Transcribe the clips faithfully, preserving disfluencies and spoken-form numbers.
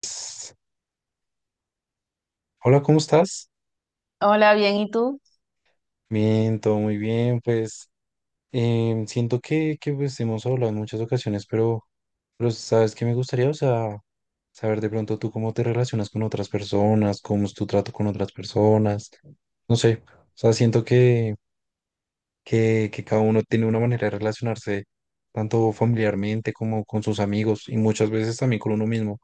Pues, hola, ¿cómo estás? Hola, bien, ¿y tú? Bien, todo muy bien. Pues em, siento que, que, pues, hemos hablado en muchas ocasiones, pero, pero sabes que me gustaría, o sea, saber de pronto tú cómo te relacionas con otras personas, cómo es tu trato con otras personas. No sé, o sea, siento que, que, que cada uno tiene una manera de relacionarse, tanto familiarmente como con sus amigos y muchas veces también con uno mismo.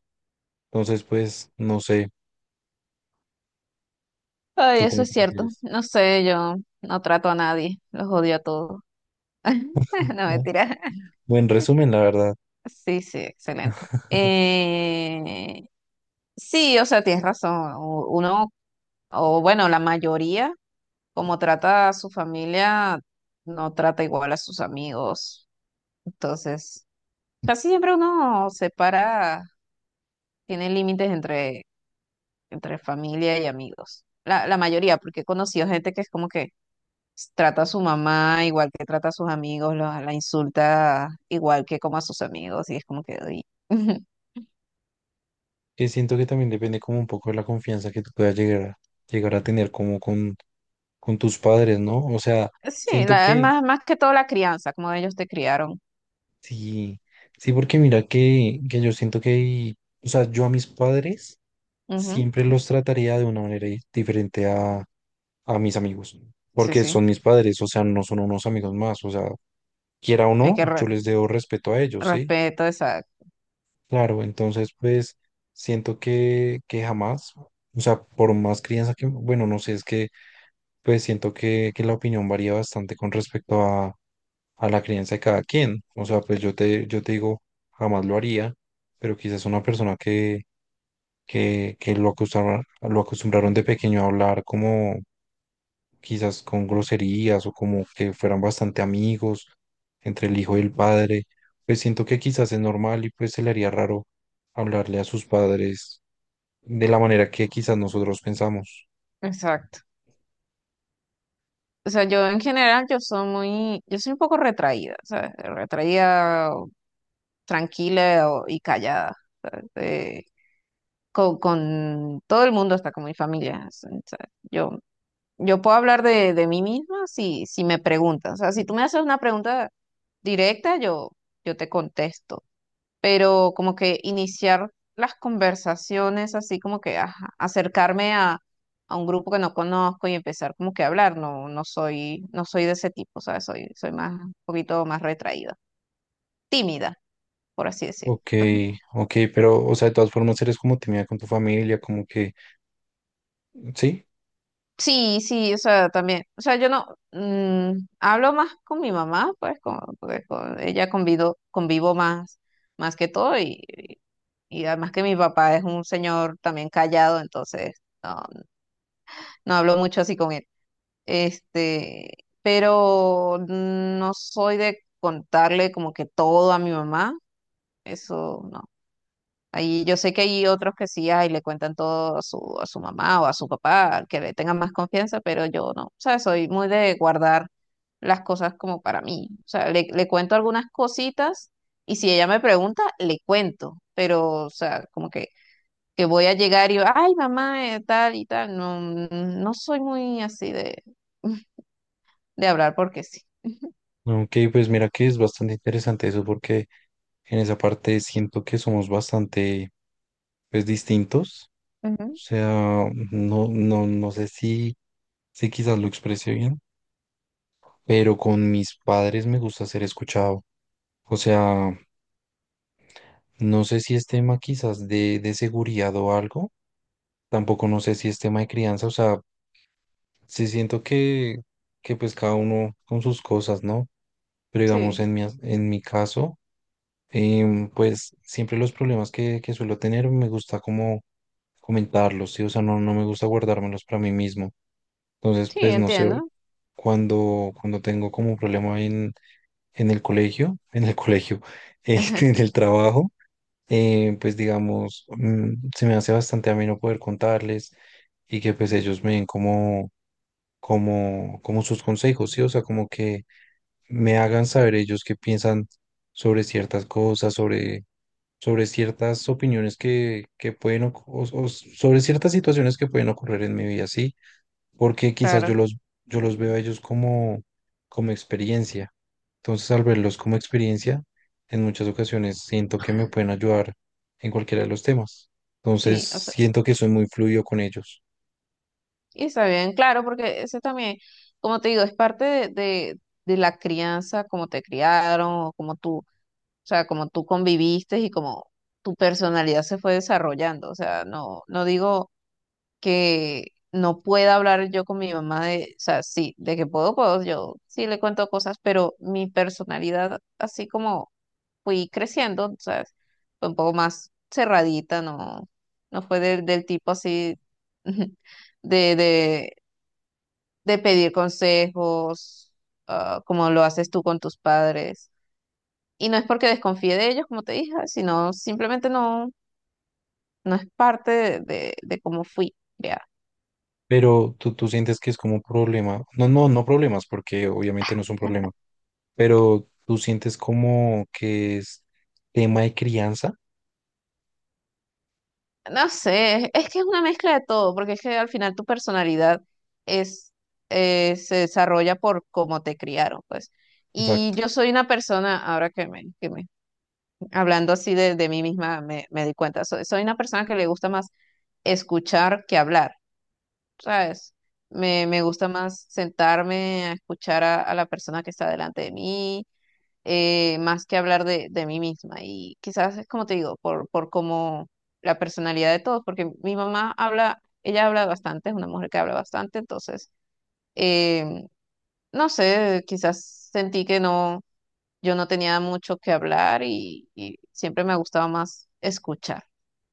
Entonces, pues, no sé, Ay, ¿tú eso cómo es te cierto. prefieres? No sé, yo no trato a nadie, los odio a todos. No, Ah, mentira. buen resumen, la verdad. Sí, sí, excelente. Eh, sí, o sea, tienes razón. U- Uno, o bueno, la mayoría, como trata a su familia, no trata igual a sus amigos. Entonces, casi siempre uno separa, tiene límites entre, entre familia y amigos. La, la mayoría, porque he conocido gente que es como que trata a su mamá igual que trata a sus amigos, la, la insulta igual que como a sus amigos, y es como que uy. Eh, siento que también depende como un poco de la confianza que tú puedas llegar a, llegar a tener como con, con tus padres, ¿no? O sea, Sí, siento la, que más, más que todo la crianza, como ellos te criaron. sí, sí, porque mira que, que yo siento que, o sea, yo a mis padres Ujú. siempre los trataría de una manera di- diferente a, a mis amigos, Sí, porque son sí, mis padres, o sea, no son unos amigos más, o sea, quiera o hay que no, yo re- les debo respeto a ellos, ¿sí? respeto, exacto, Claro, entonces pues siento que, que jamás, o sea, por más crianza que, bueno, no sé, es que pues siento que, que la opinión varía bastante con respecto a, a la crianza de cada quien. O sea, pues sí, yo te, yo te digo, jamás lo haría, pero quizás una persona que, que, que lo acostumbraron, lo acostumbraron de pequeño a hablar como quizás con groserías o como que fueran bastante amigos entre el hijo y el padre, pues siento que quizás es normal y pues se le haría raro hablarle a sus padres de la manera que quizás nosotros pensamos. exacto. O sea, yo en general, yo soy muy, yo soy un poco retraída, ¿sabes? Retraída, o tranquila o- y callada. eh, con, con todo el mundo, hasta con mi familia. ¿Sabes? Yo Yo puedo hablar de, de mí misma si, si me preguntas. O sea, si tú me haces una pregunta directa, yo, yo te contesto. Pero como que iniciar las conversaciones, así como que ajá, acercarme a, a un grupo que no conozco y empezar como que a hablar, no, no soy, no soy de ese tipo, ¿sabes? Soy, soy más, un poquito más retraída, tímida, por así decirlo. Ok, ok, pero, o sea, de todas formas eres como tímida con tu familia, como que, sí, Sí, sí, o sea, también. O sea, yo no mm, hablo más con mi mamá, pues, con, porque con ella convido, convivo más, más que todo, y, y y además que mi papá es un señor también callado, entonces no, no hablo mucho así con él. Este, pero no soy de contarle como que todo a mi mamá, eso no. Ahí yo sé que hay otros que sí ay le cuentan todo a su, a su, mamá o a su papá, que le tengan más confianza, pero yo no, o sea, soy muy de guardar las cosas como para mí. O sea, le, le cuento algunas cositas y si ella me pregunta, le cuento, pero, o sea, como que, que voy a llegar y, ay, mamá, eh, tal y tal, no, no soy muy así de, de hablar porque sí. ok, pues mira que es bastante interesante eso porque en esa parte siento que somos bastante, pues, distintos, o Ujú. sea, no, no, no sé si, si quizás lo expresé bien, pero con mis padres me gusta ser escuchado, o sea, no sé si es tema quizás de, de seguridad o algo, tampoco no sé si es tema de crianza, o sea, sí siento que, que pues cada uno con sus cosas, ¿no? Pero digamos, Sí, en mi, as- en mi caso, em, pues siempre los problemas que, que suelo tener me gusta como comentarlos, ¿sí? O sea, no, no me gusta guardármelos para mí mismo. Entonces, sí, pues no sé, entiendo. cuando, cuando tengo como un problema en, en el colegio, en el colegio, eh, en el trabajo, eh, pues digamos, mm, se me hace bastante ameno poder contarles y que pues ellos me den como, como, como sus consejos, ¿sí? O sea, como que me hagan saber ellos qué piensan sobre ciertas cosas, sobre, sobre ciertas opiniones que, que pueden, oc- o, o sobre ciertas situaciones que pueden ocurrir en mi vida, ¿sí? Porque quizás yo Claro, los, yo los veo a ellos como, como experiencia. Entonces, al verlos como experiencia, en muchas ocasiones siento que me pueden ayudar en cualquiera de los temas. Entonces, sí, o sea. siento que soy muy fluido con ellos. Y está bien, claro, porque ese también, como te digo, es parte de, de, de la crianza, cómo te criaron, o como tú, o sea, cómo tú conviviste y cómo tu personalidad se fue desarrollando. O sea, no, no digo que no pueda hablar yo con mi mamá de, o sea, sí, de que puedo, puedo, yo sí le cuento cosas, pero mi personalidad, así como fui creciendo, ¿sabes? Fue un poco más cerradita, no, no fue del, del tipo así de, de de pedir consejos, ah, como lo haces tú con tus padres. Y no es porque desconfíe de ellos, como te dije, ah, sino simplemente no, no es parte de, de, de cómo fui creada. Pero tú, tú sientes que es como un problema. No, no, no problemas, porque obviamente no es un problema, pero tú sientes como que es tema de crianza. No sé, es que es una mezcla de todo, porque es que al final tu personalidad es, eh, se desarrolla por cómo te criaron, pues. Y Exacto. yo soy una persona, ahora que me, que me hablando así de, de mí misma, me, me di cuenta, soy soy una persona que le gusta más escuchar que hablar. ¿Sabes? Me, me gusta más sentarme a escuchar a, a la persona que está delante de mí, eh, más que hablar de, de mí misma. Y quizás es como te digo, por, por como la personalidad de todos, porque mi mamá habla, ella habla bastante, es una mujer que habla bastante, entonces, eh, no sé, quizás sentí que no, yo no tenía mucho que hablar y, y siempre me gustaba más escuchar,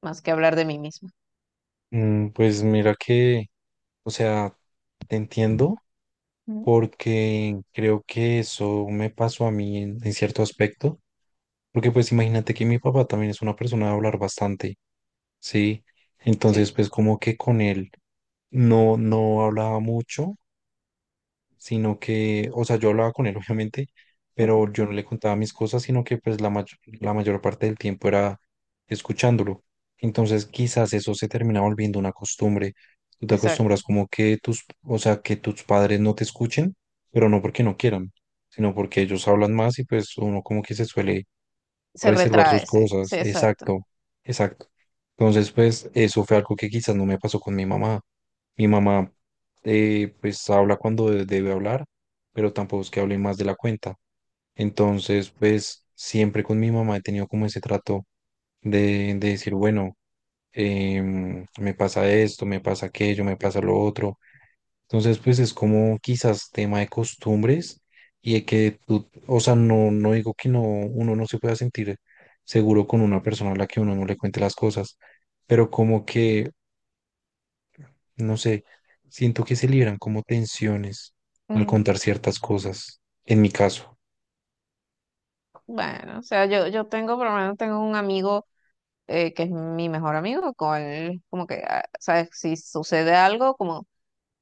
más que hablar de mí misma. Mm, pues mira que, o sea, te entiendo Ujú. porque creo que eso me pasó a mí en, en cierto aspecto, porque pues imagínate que mi papá también es una persona de hablar bastante, ¿sí? Entonces Sí, pues como que con él no, no hablaba mucho, sino que, o sea, yo hablaba con él, obviamente, pero yo no le contaba mis cosas, sino que pues la mayor, la mayor parte del tiempo era escuchándolo. Entonces, quizás eso se termina volviendo una costumbre. Tú te exacto. acostumbras como que tus, o sea, que tus padres no te escuchen, pero no porque no quieran, sino porque ellos hablan más y pues uno como que se suele Se reservar sus retrae, sí, cosas. sí, exacto. Exacto, exacto. Entonces, pues eso fue algo que quizás no me pasó con mi mamá mi mamá, eh, pues habla cuando de- debe hablar, pero tampoco es que hable más de la cuenta. Entonces, pues siempre con mi mamá he tenido como ese trato de, de decir, bueno, em, me pasa esto, me pasa aquello, me pasa lo otro. Entonces, pues es como quizás tema de costumbres y de que tú, o sea, no, no digo que no, uno no se pueda sentir seguro con una persona a la que uno no le cuente las cosas, pero como que no sé, siento que se libran como tensiones al Mm, contar ciertas cosas, en mi caso. Bueno, o sea, yo, yo tengo, por lo menos tengo un amigo eh, que es mi mejor amigo, con él, como que, ah, ¿sabes? Si sucede algo, como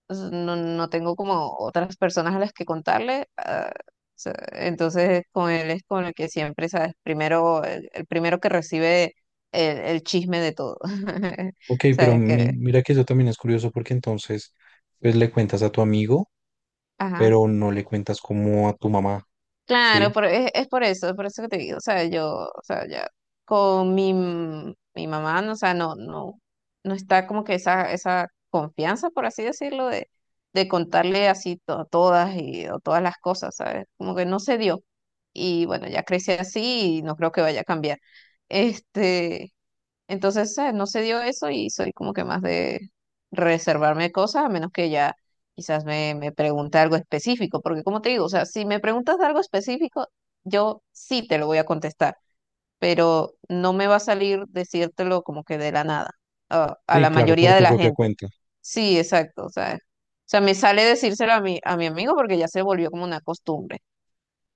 s- no, no tengo como otras personas a las que contarle, ah, o sea, entonces con él es con el que siempre, ¿sabes? Primero, el, el primero que recibe el, el chisme de todo. Ok, pero ¿Sabes? mi- Que, mira que eso también es curioso porque entonces, pues le cuentas a tu amigo, Ajá. pero no le cuentas como a tu mamá, Claro, ¿sí? por- es, es por eso, es por eso que te digo, o sea, yo, o sea, ya con mi, m- mi mamá, no, o sea, no, no, no está como que esa, esa confianza, por así decirlo, de, de contarle así to- todas y o todas las cosas, ¿sabes? Como que no se dio. Y bueno, ya crecí así y no creo que vaya a cambiar. Este, entonces, eh, no se dio eso y soy como que más de reservarme cosas, a menos que ya quizás me, me pregunte algo específico, porque como te digo, o sea, si me preguntas de algo específico, yo sí te lo voy a contestar, pero no me va a salir decírtelo como que de la nada, a, a Sí, la claro, mayoría por de tu la propia gente. cuenta. Sí, exacto, o sea, o sea, me sale decírselo a mi, a mi amigo porque ya se volvió como una costumbre.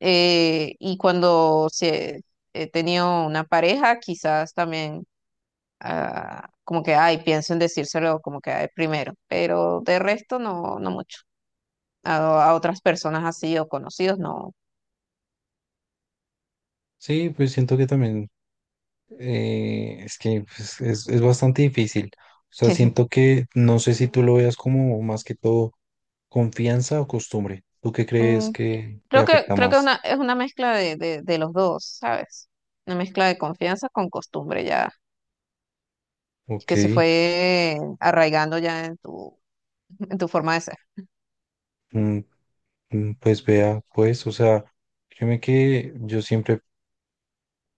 Eh, y cuando se, he tenido una pareja, quizás también ah, como que, ay, pienso en decírselo como que, ay, primero, pero de resto no, no mucho. A, a otras personas así o conocidos, no. Sí, pues siento que también eh, es que pues, es, es bastante difícil. O sea, siento que no sé si tú lo veas como más que todo confianza o costumbre. ¿Tú qué crees Mm, que, que Creo que, afecta creo que más? una, es una mezcla de, de, de los dos, ¿sabes? Una mezcla de confianza con costumbre ya, Ok. que se fue arraigando ya en tu, en tu forma de ser. Mm, mm, pues vea, pues, o sea, créeme que yo siempre,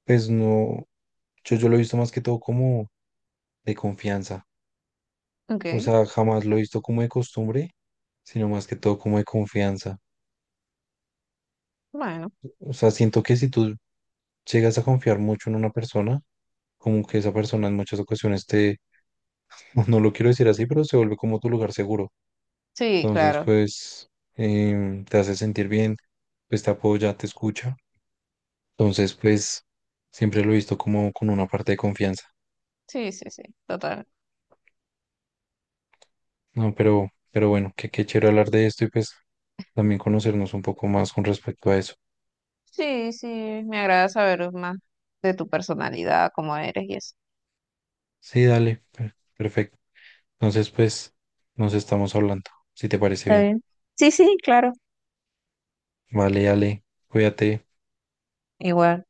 pues no, yo, yo lo he visto más que todo como de confianza, Ok, o sea, jamás lo he visto como de costumbre, sino más que todo como de confianza. bueno, O sea, siento que si tú llegas a confiar mucho en una persona, como que esa persona en muchas ocasiones te, no lo quiero decir así, pero se vuelve como tu lugar seguro. sí, Entonces, claro, pues, em, te hace sentir bien, pues te apoya, te escucha. Entonces, pues, siempre lo he visto como con una parte de confianza. sí, sí, sí, total. No, pero, pero bueno, que qué chévere hablar de esto y pues también conocernos un poco más con respecto a eso. Sí, sí, me agrada saber más de tu personalidad, cómo eres y eso. Sí, dale, per- perfecto. Entonces, pues nos estamos hablando, si te parece Está bien. bien. Sí, sí, claro. Vale, dale, cuídate. Igual.